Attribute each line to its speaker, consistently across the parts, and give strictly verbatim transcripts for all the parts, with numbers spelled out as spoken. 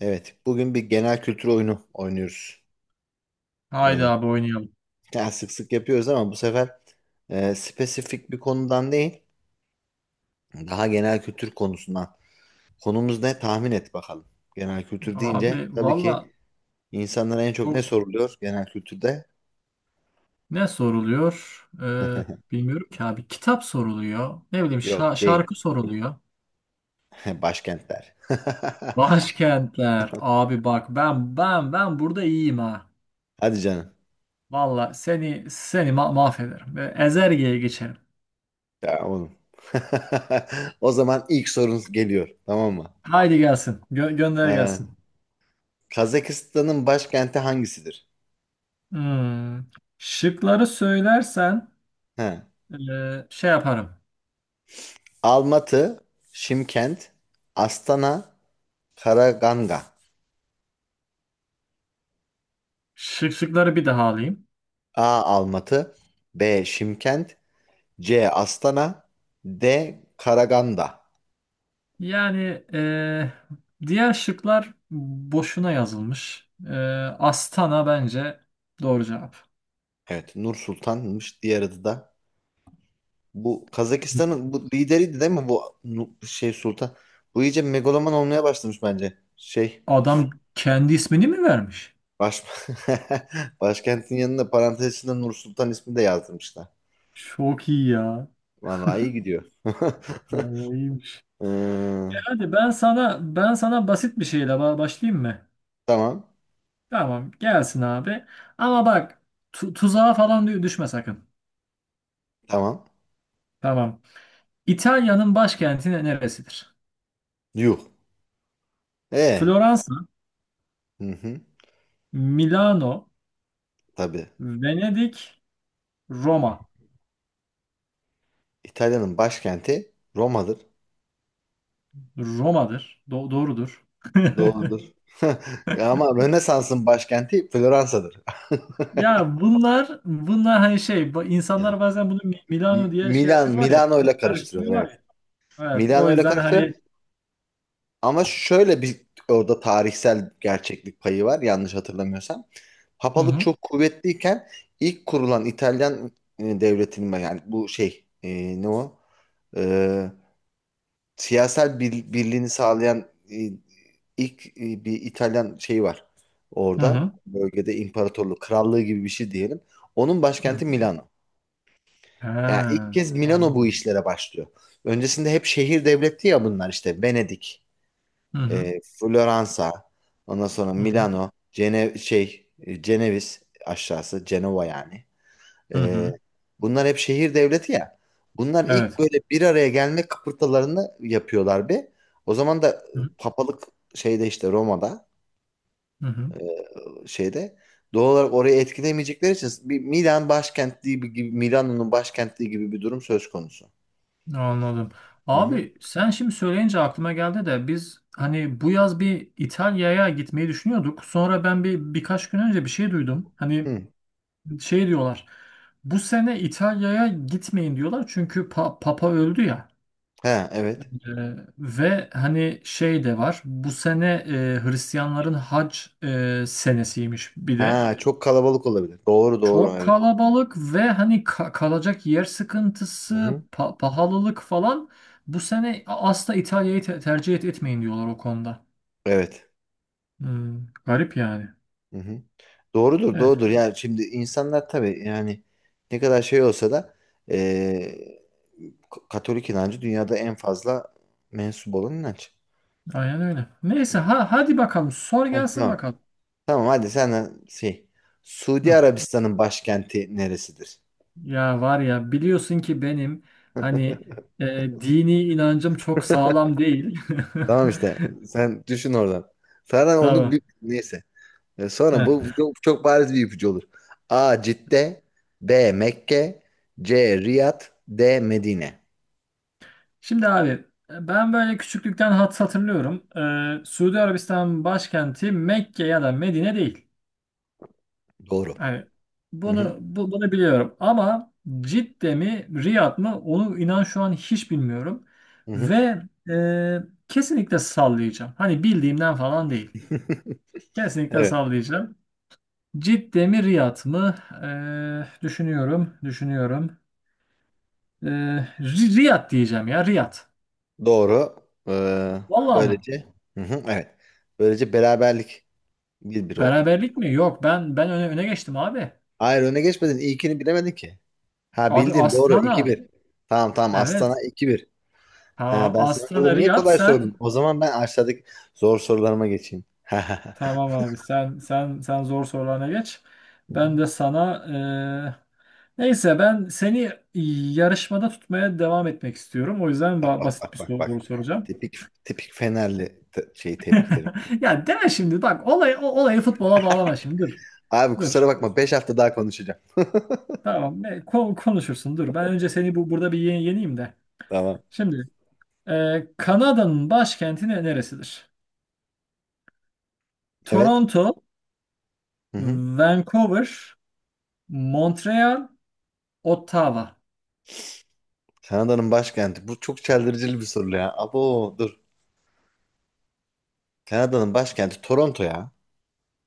Speaker 1: Evet, bugün bir genel kültür oyunu oynuyoruz.
Speaker 2: Haydi
Speaker 1: Ee,
Speaker 2: abi oynayalım.
Speaker 1: yani sık sık yapıyoruz ama bu sefer e, spesifik bir konudan değil, daha genel kültür konusundan. Konumuz ne? Tahmin et bakalım. Genel kültür deyince
Speaker 2: Abi
Speaker 1: tabii
Speaker 2: valla
Speaker 1: ki insanlara en çok ne
Speaker 2: çok
Speaker 1: soruluyor genel kültürde?
Speaker 2: ne soruluyor? Ee, bilmiyorum ki abi. Kitap soruluyor. Ne bileyim şa-
Speaker 1: Yok değil.
Speaker 2: şarkı soruluyor.
Speaker 1: Başkentler.
Speaker 2: Başkentler. Abi bak ben ben ben burada iyiyim ha.
Speaker 1: Hadi canım.
Speaker 2: Valla seni seni ma- mahvederim. Ee, Ezerge'ye geçelim.
Speaker 1: Ya oğlum. O zaman ilk sorunuz geliyor, tamam mı?
Speaker 2: Haydi gelsin. Gö- gönder
Speaker 1: Ee,
Speaker 2: gelsin.
Speaker 1: Kazakistan'ın başkenti hangisidir?
Speaker 2: Hmm. Şıkları söylersen
Speaker 1: He.
Speaker 2: e, şey yaparım.
Speaker 1: Almatı, Şimkent, Astana, Karaganda.
Speaker 2: Şık şıkları bir daha alayım.
Speaker 1: A. Almatı, B. Şimkent, C. Astana, D. Karaganda.
Speaker 2: Yani eee, diğer şıklar boşuna yazılmış. Eee, Astana bence doğru cevap.
Speaker 1: Evet, Nur Sultan'mış diğer adı da. Bu Kazakistan'ın bu lideriydi değil mi bu Nu- şey Sultan? Bu iyice megaloman olmaya başlamış bence. Şey,
Speaker 2: Adam kendi ismini mi vermiş?
Speaker 1: baş... başkentin yanında parantez içinde Nur Sultan ismini de yazdırmışlar.
Speaker 2: Çok iyi ya.
Speaker 1: Vallahi iyi gidiyor.
Speaker 2: Vallahi iyiymiş.
Speaker 1: Hmm,
Speaker 2: Hadi ben sana ben sana basit bir şeyle ba- başlayayım mı?
Speaker 1: tamam,
Speaker 2: Tamam, gelsin abi. Ama bak tu- tuzağa falan dü- düşme sakın.
Speaker 1: tamam.
Speaker 2: Tamam. İtalya'nın başkenti ne- neresidir?
Speaker 1: Yuh. E.
Speaker 2: Floransa,
Speaker 1: Hı hı,
Speaker 2: Milano,
Speaker 1: tabii.
Speaker 2: Venedik, Roma.
Speaker 1: İtalya'nın başkenti Roma'dır.
Speaker 2: Roma'dır. Do- doğrudur.
Speaker 1: Doğrudur. Ama Rönesans'ın başkenti Floransa'dır.
Speaker 2: Ya bunlar bunlar hani şey bu- insanlar bazen bunu Mi- Milano
Speaker 1: M-
Speaker 2: diye şey
Speaker 1: Milan,
Speaker 2: yapıyorlar ya
Speaker 1: Milano
Speaker 2: kar-
Speaker 1: ile karıştırıyorlar,
Speaker 2: karıştırıyorlar
Speaker 1: evet.
Speaker 2: ya. Evet o
Speaker 1: Milano ile
Speaker 2: yüzden
Speaker 1: karıştırıyor.
Speaker 2: hani.
Speaker 1: Ama şöyle bir orada tarihsel gerçeklik payı var yanlış hatırlamıyorsam.
Speaker 2: Hı
Speaker 1: Papalık
Speaker 2: hı.
Speaker 1: çok kuvvetliyken ilk kurulan İtalyan e, devletinin, yani bu şey e, ne o? E, siyasal bir- birliğini sağlayan e, ilk e, bir İtalyan şeyi var.
Speaker 2: Hı
Speaker 1: Orada
Speaker 2: hı.
Speaker 1: bölgede imparatorluk, krallığı gibi bir şey diyelim. Onun
Speaker 2: Hı
Speaker 1: başkenti
Speaker 2: hı.
Speaker 1: Milano.
Speaker 2: He,
Speaker 1: Yani ilk kez Milano bu
Speaker 2: anladım.
Speaker 1: işlere başlıyor. Öncesinde hep şehir devletti ya bunlar, işte Venedik,
Speaker 2: Hı hı.
Speaker 1: e, Floransa, ondan sonra
Speaker 2: Hı hı.
Speaker 1: Milano, Cene şey, e, Ceneviz aşağısı, Cenova yani.
Speaker 2: Hı
Speaker 1: Ee,
Speaker 2: hı.
Speaker 1: bunlar hep şehir devleti ya. Bunlar ilk
Speaker 2: Evet.
Speaker 1: böyle bir araya gelme kıpırtılarını yapıyorlar bir. O zaman da
Speaker 2: Hı hı.
Speaker 1: papalık şeyde, işte Roma'da,
Speaker 2: Hı hı.
Speaker 1: e, şeyde doğal olarak orayı etkilemeyecekleri için bir Milan başkentliği gibi, Milano'nun başkentliği gibi bir durum söz konusu.
Speaker 2: Anladım.
Speaker 1: Hı hı.
Speaker 2: Abi sen şimdi söyleyince aklıma geldi de biz hani bu yaz bir İtalya'ya gitmeyi düşünüyorduk. Sonra ben bir birkaç gün önce bir şey duydum. Hani
Speaker 1: Hı.
Speaker 2: şey diyorlar. Bu sene İtalya'ya gitmeyin diyorlar çünkü pa- Papa öldü ya.
Speaker 1: Ha evet.
Speaker 2: Ee, ve hani şey de var. Bu sene e, Hristiyanların hac e, senesiymiş bir de.
Speaker 1: Ha çok kalabalık olabilir. Doğru doğru,
Speaker 2: Çok
Speaker 1: evet.
Speaker 2: kalabalık ve hani ka- kalacak yer
Speaker 1: Hı
Speaker 2: sıkıntısı,
Speaker 1: hı.
Speaker 2: pa- pahalılık falan. Bu sene asla İtalya'yı te- tercih et- etmeyin diyorlar o konuda.
Speaker 1: Evet.
Speaker 2: Hmm, garip yani.
Speaker 1: Hı hı. Doğrudur,
Speaker 2: Evet,
Speaker 1: doğrudur. Yani şimdi insanlar tabii yani ne kadar şey olsa da eee, K- Katolik inancı dünyada en fazla mensup olan inanç.
Speaker 2: aynen öyle.
Speaker 1: Hı.
Speaker 2: Neyse ha hadi bakalım sor
Speaker 1: Heh,
Speaker 2: gelsin
Speaker 1: tamam.
Speaker 2: bakalım.
Speaker 1: Tamam hadi sen de şey. Suudi
Speaker 2: Hı.
Speaker 1: Arabistan'ın başkenti neresidir?
Speaker 2: Ya var ya biliyorsun ki benim hani e, dini inancım çok sağlam değil.
Speaker 1: Tamam işte. Sen düşün oradan. Sonra onu bir
Speaker 2: Tamam.
Speaker 1: neyse. E, sonra bu
Speaker 2: Heh.
Speaker 1: çok, çok bariz bir ipucu olur. A. Cidde, B. Mekke, C. Riyad, D. Medine.
Speaker 2: Şimdi abi e, ben böyle küçüklükten hat hatırlıyorum. E, Suudi Arabistan başkenti Mekke ya da Medine değil.
Speaker 1: Doğru.
Speaker 2: Hani
Speaker 1: Hı hı.
Speaker 2: bunu bu, bunu biliyorum ama Cidde mi Riyad mı onu inan şu an hiç bilmiyorum.
Speaker 1: Hı hı.
Speaker 2: Ve e, kesinlikle sallayacağım. Hani bildiğimden falan değil. Kesinlikle
Speaker 1: Evet,
Speaker 2: sallayacağım. Cidde mi Riyad mı? Eee, düşünüyorum, düşünüyorum. Eee, Ri- Riyad diyeceğim ya Riyad.
Speaker 1: doğru. Ee,
Speaker 2: Vallahi mı?
Speaker 1: böylece hı hı, evet. Böylece beraberlik bir bir oldu.
Speaker 2: Beraberlik mi? Yok ben ben öne, öne geçtim abi.
Speaker 1: Hayır öne geçmedin. İlkini bilemedin ki. Ha
Speaker 2: Abi
Speaker 1: bildin, doğru, iki
Speaker 2: Astana.
Speaker 1: bir. Tamam tamam, Aslan'a
Speaker 2: Evet.
Speaker 1: iki bir. Ha
Speaker 2: Tamam.
Speaker 1: ben sana burada
Speaker 2: Astana
Speaker 1: niye
Speaker 2: Riyad
Speaker 1: kolay sordum?
Speaker 2: sen
Speaker 1: O zaman ben aşağıdaki zor sorularıma geçeyim.
Speaker 2: tamam abi sen sen sen zor sorularına geç.
Speaker 1: Hı hı.
Speaker 2: Ben de sana eee, neyse ben seni yarışmada tutmaya devam etmek istiyorum. O yüzden ba- basit
Speaker 1: Bak
Speaker 2: bir
Speaker 1: bak bak.
Speaker 2: soru soracağım.
Speaker 1: Tipik tipik Fenerli te- şey tepkileri.
Speaker 2: Ya deme şimdi bak olay, o- olayı futbola bağlama şimdi dur.
Speaker 1: Abi
Speaker 2: Dur.
Speaker 1: kusura bakma beş hafta daha konuşacağım.
Speaker 2: Tamam. Ne, ko- konuşursun. Dur. Ben önce seni bu burada bir ye- yeneyim de.
Speaker 1: Tamam.
Speaker 2: Şimdi e, Kanada'nın başkenti ne- neresidir?
Speaker 1: Evet.
Speaker 2: Toronto,
Speaker 1: Hı hı.
Speaker 2: Vancouver, Montreal, Ottawa.
Speaker 1: Kanada'nın başkenti. Bu çok çeldiricili bir soru ya. Abo dur. Kanada'nın başkenti Toronto ya.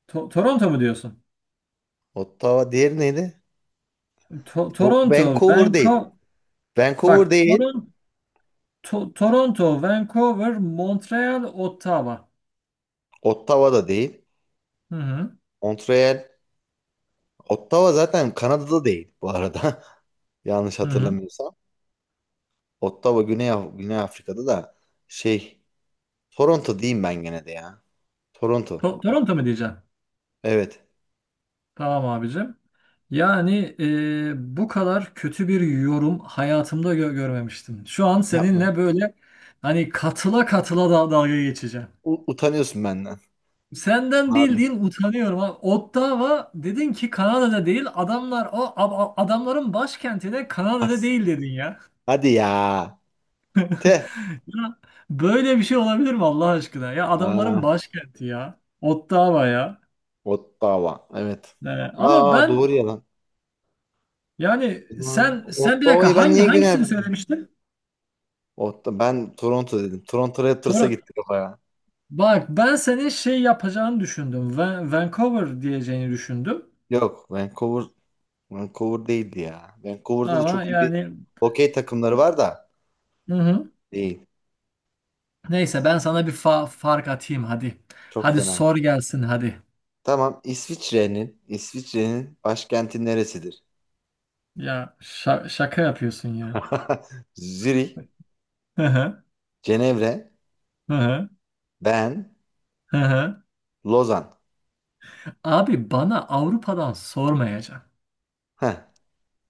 Speaker 2: To- Toronto mu diyorsun?
Speaker 1: Ottawa diğeri neydi?
Speaker 2: To-
Speaker 1: Bu
Speaker 2: Toronto,
Speaker 1: Vancouver değil.
Speaker 2: Vancouver.
Speaker 1: Vancouver
Speaker 2: Bak,
Speaker 1: değil.
Speaker 2: Toron- To- Toronto, Vancouver, Montreal, Ottawa.
Speaker 1: Ottawa da değil.
Speaker 2: Hı hı.
Speaker 1: Montreal. Ottawa zaten Kanada'da değil bu arada. Yanlış
Speaker 2: Hı hı.
Speaker 1: hatırlamıyorsam. Ottawa Güney, Af- Güney Afrika'da da şey. Toronto diyeyim ben gene de ya. Toronto.
Speaker 2: To- Toronto mu diyeceğim?
Speaker 1: Evet.
Speaker 2: Tamam abicim. Yani e, bu kadar kötü bir yorum hayatımda gö- görmemiştim. Şu an
Speaker 1: Yapma.
Speaker 2: seninle böyle hani katıla katıla da dalga geçeceğim.
Speaker 1: U- utanıyorsun benden.
Speaker 2: Senden
Speaker 1: Abi.
Speaker 2: bildiğin utanıyorum, ha. Ottawa dedin ki Kanada'da değil. Adamlar o a- a- adamların başkenti de Kanada'da
Speaker 1: As.
Speaker 2: değil dedin ya.
Speaker 1: Hadi ya. Te.
Speaker 2: Ya böyle bir şey olabilir mi Allah aşkına? Ya adamların
Speaker 1: Aa,
Speaker 2: başkenti ya. Ottawa ya.
Speaker 1: Ottawa. Evet.
Speaker 2: Yani ama
Speaker 1: Aa
Speaker 2: ben
Speaker 1: doğru ya lan.
Speaker 2: yani
Speaker 1: Aa,
Speaker 2: sen sen bir
Speaker 1: Ottawa'yı
Speaker 2: dakika
Speaker 1: ben
Speaker 2: hangi
Speaker 1: niye Güney.
Speaker 2: hangisini söylemiştin?
Speaker 1: O, ben Toronto dedim. Toronto Raptors'a
Speaker 2: Toronto.
Speaker 1: gitti kafa ya.
Speaker 2: Bak ben senin şey yapacağını düşündüm. Van- Vancouver diyeceğini düşündüm.
Speaker 1: Yok Vancouver, Vancouver değildi ya. Vancouver'da da
Speaker 2: Ama
Speaker 1: çok iyi bir
Speaker 2: yani
Speaker 1: hokey takımları var da
Speaker 2: hı hı.
Speaker 1: değil.
Speaker 2: Neyse ben sana bir fa- fark atayım hadi.
Speaker 1: Çok
Speaker 2: Hadi
Speaker 1: fena.
Speaker 2: sor gelsin hadi.
Speaker 1: Tamam, İsviçre'nin İsviçre'nin başkenti neresidir?
Speaker 2: Ya şa- şaka yapıyorsun ya.
Speaker 1: Zürih,
Speaker 2: Hı hı.
Speaker 1: Cenevre,
Speaker 2: Hı hı.
Speaker 1: Ben,
Speaker 2: Hı hı.
Speaker 1: Lozan.
Speaker 2: Abi bana Avrupa'dan sormayacaksın.
Speaker 1: Heh,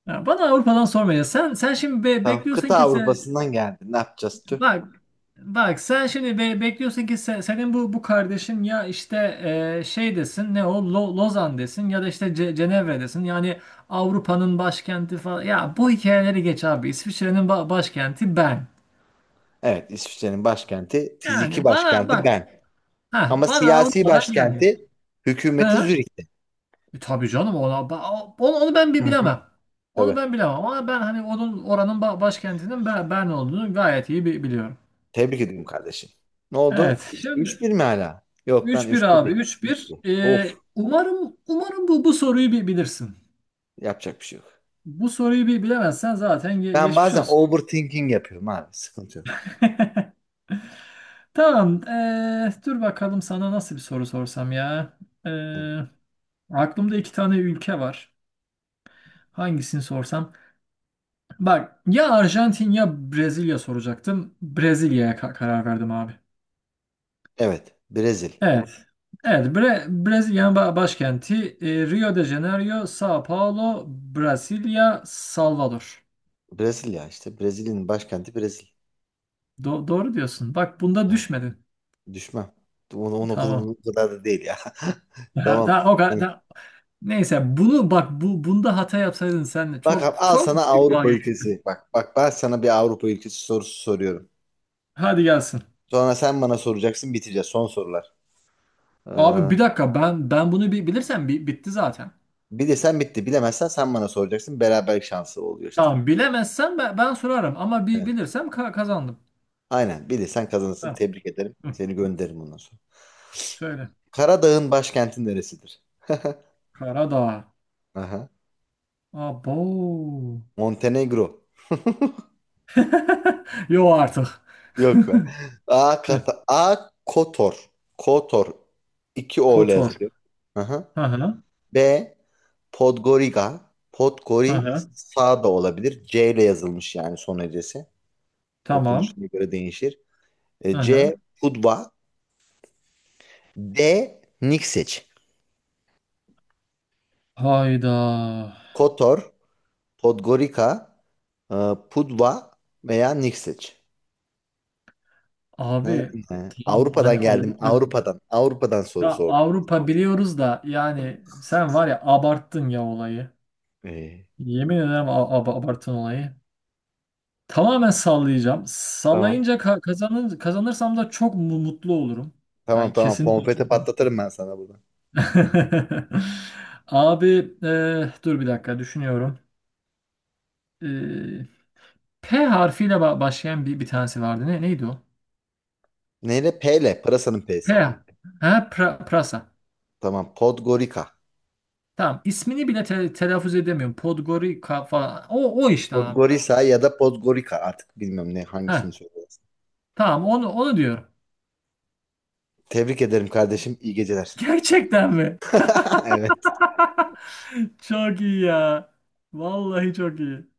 Speaker 2: Ya bana Avrupa'dan sormayacaksın. Sen sen şimdi be-
Speaker 1: tamam,
Speaker 2: bekliyorsun
Speaker 1: kıta
Speaker 2: ki sen
Speaker 1: Avrupa'sından geldi. Ne yapacağız tüh?
Speaker 2: bak. Bak sen şimdi be- bekliyorsun ki se- senin bu bu kardeşin ya işte e, şey desin ne o Lo- Lozan desin ya da işte Ce- Cenevre desin yani Avrupa'nın başkenti falan ya bu hikayeleri geç abi İsviçre'nin ba- başkenti ben
Speaker 1: Evet, İsviçre'nin başkenti, fiziki
Speaker 2: yani bana
Speaker 1: başkenti
Speaker 2: bak
Speaker 1: Ben.
Speaker 2: ha
Speaker 1: Ama
Speaker 2: bana
Speaker 1: siyasi
Speaker 2: Avrupa'dan gelmeyecek
Speaker 1: başkenti, hükümeti
Speaker 2: ha.
Speaker 1: Zürih'te.
Speaker 2: E, tabii canım ona ba- onu, onu ben bir
Speaker 1: Hı hı.
Speaker 2: bilemem, onu
Speaker 1: Tabii.
Speaker 2: ben bilemem ama ben hani onun oranın ba- başkentinin ben, ben olduğunu gayet iyi bi- biliyorum.
Speaker 1: Tebrik ediyorum kardeşim. Ne oldu?
Speaker 2: Evet
Speaker 1: üç-
Speaker 2: şimdi.
Speaker 1: 3-1 mi hala? Yok lan
Speaker 2: üç bir
Speaker 1: üç bir
Speaker 2: abi
Speaker 1: değil. Üç bir.
Speaker 2: üç bir. Ee,
Speaker 1: Of.
Speaker 2: umarım umarım bu bu soruyu bir bilirsin.
Speaker 1: Yapacak bir şey yok.
Speaker 2: Bu soruyu bir bilemezsen zaten ge-
Speaker 1: Ben
Speaker 2: geçmiş
Speaker 1: bazen
Speaker 2: olsun.
Speaker 1: overthinking yapıyorum abi. Sıkıntı yok.
Speaker 2: Tamam. ee, dur bakalım sana nasıl bir soru sorsam ya.
Speaker 1: Hı.
Speaker 2: Ee, aklımda iki tane ülke var. Hangisini sorsam? Bak ya Arjantin ya Brezilya soracaktım. Brezilya'ya ka- karar verdim abi.
Speaker 1: Evet. Brezil.
Speaker 2: Evet. Evet, Bre Brezilya'nın ba- başkenti e, Rio de Janeiro, São Paulo, Brasilia, Salvador.
Speaker 1: Brezilya işte. Brezilya'nın başkenti Brezilya.
Speaker 2: Do- doğru diyorsun. Bak bunda
Speaker 1: He,
Speaker 2: düşmedin.
Speaker 1: düşmem. Onu, onu, onu
Speaker 2: Tamam.
Speaker 1: o kadar da değil ya.
Speaker 2: Daha,
Speaker 1: Tamam.
Speaker 2: daha o kadar,
Speaker 1: Hani,
Speaker 2: daha. Neyse bunu bak bu bunda hata yapsaydın sen de
Speaker 1: bak
Speaker 2: çok
Speaker 1: abi, al
Speaker 2: çok
Speaker 1: sana
Speaker 2: büyük
Speaker 1: Avrupa
Speaker 2: dalga geçtin.
Speaker 1: ülkesi. Bak bak, ben sana bir Avrupa ülkesi sorusu soruyorum.
Speaker 2: Hadi gelsin.
Speaker 1: Sonra sen bana soracaksın, biteceğiz. Son sorular.
Speaker 2: Abi bir dakika ben ben bunu bir bilirsem bi- bitti zaten.
Speaker 1: Bilirsen bitti. Bilemezsen sen bana soracaksın. Beraberlik şansı oluyor işte.
Speaker 2: Tamam bilemezsem ben, ben sorarım ama bir bilirsem ka- kazandım.
Speaker 1: Aynen, bilirsen kazanırsın.
Speaker 2: Tamam.
Speaker 1: Tebrik ederim.
Speaker 2: Hı.
Speaker 1: Seni gönderirim ondan sonra.
Speaker 2: Söyle.
Speaker 1: Karadağ'ın başkenti neresidir?
Speaker 2: Karadağ.
Speaker 1: Aha.
Speaker 2: Abo.
Speaker 1: Montenegro.
Speaker 2: Yo artık.
Speaker 1: Yok lan. A,
Speaker 2: Heh.
Speaker 1: Kata A, Kotor. Kotor. iki O ile
Speaker 2: Kotor.
Speaker 1: yazılıyor. Aha.
Speaker 2: Hı hı.
Speaker 1: B, Podgorica.
Speaker 2: Hı
Speaker 1: Podgori
Speaker 2: hı.
Speaker 1: sağ da olabilir. C ile yazılmış yani son hecesi.
Speaker 2: Tamam.
Speaker 1: Okunuşuna göre değişir.
Speaker 2: Hı
Speaker 1: E,
Speaker 2: hı.
Speaker 1: C Pudva. D Nikseç.
Speaker 2: Hayda.
Speaker 1: Kotor, Podgorica, e, Pudva veya Nikseç. Ha,
Speaker 2: Abi
Speaker 1: ha.
Speaker 2: tamam hani
Speaker 1: Avrupa'dan geldim.
Speaker 2: Avrupa
Speaker 1: Avrupa'dan. Avrupa'dan
Speaker 2: ya
Speaker 1: soru sordum.
Speaker 2: Avrupa biliyoruz da yani sen var ya abarttın ya olayı.
Speaker 1: Ee,
Speaker 2: Yemin ederim a- ab- abarttın olayı. Tamamen sallayacağım.
Speaker 1: tamam.
Speaker 2: Sallayınca ka- kazanır kazanırsam da çok mu- mutlu olurum.
Speaker 1: Tamam
Speaker 2: Yani
Speaker 1: tamam.
Speaker 2: kesinlikle
Speaker 1: Konfeti
Speaker 2: çok.
Speaker 1: patlatırım ben sana burada.
Speaker 2: Abi e, dur bir dakika düşünüyorum. E, P harfiyle ba- başlayan bir bir tanesi vardı. Ne neydi o?
Speaker 1: Neyle? P ile. Pırasanın
Speaker 2: P.
Speaker 1: P'si.
Speaker 2: Ha pra- prasa.
Speaker 1: Tamam. Podgorica.
Speaker 2: Tamam, ismini bile te- telaffuz edemiyorum. Podgorica falan. O, o işte abi.
Speaker 1: Podgorica ya da Podgorica. Artık bilmiyorum ne
Speaker 2: Heh.
Speaker 1: hangisini söylüyorum.
Speaker 2: Tamam onu, onu diyorum.
Speaker 1: Tebrik ederim kardeşim. İyi geceler.
Speaker 2: Gerçekten mi?
Speaker 1: Evet.
Speaker 2: Çok iyi ya. Vallahi çok iyi.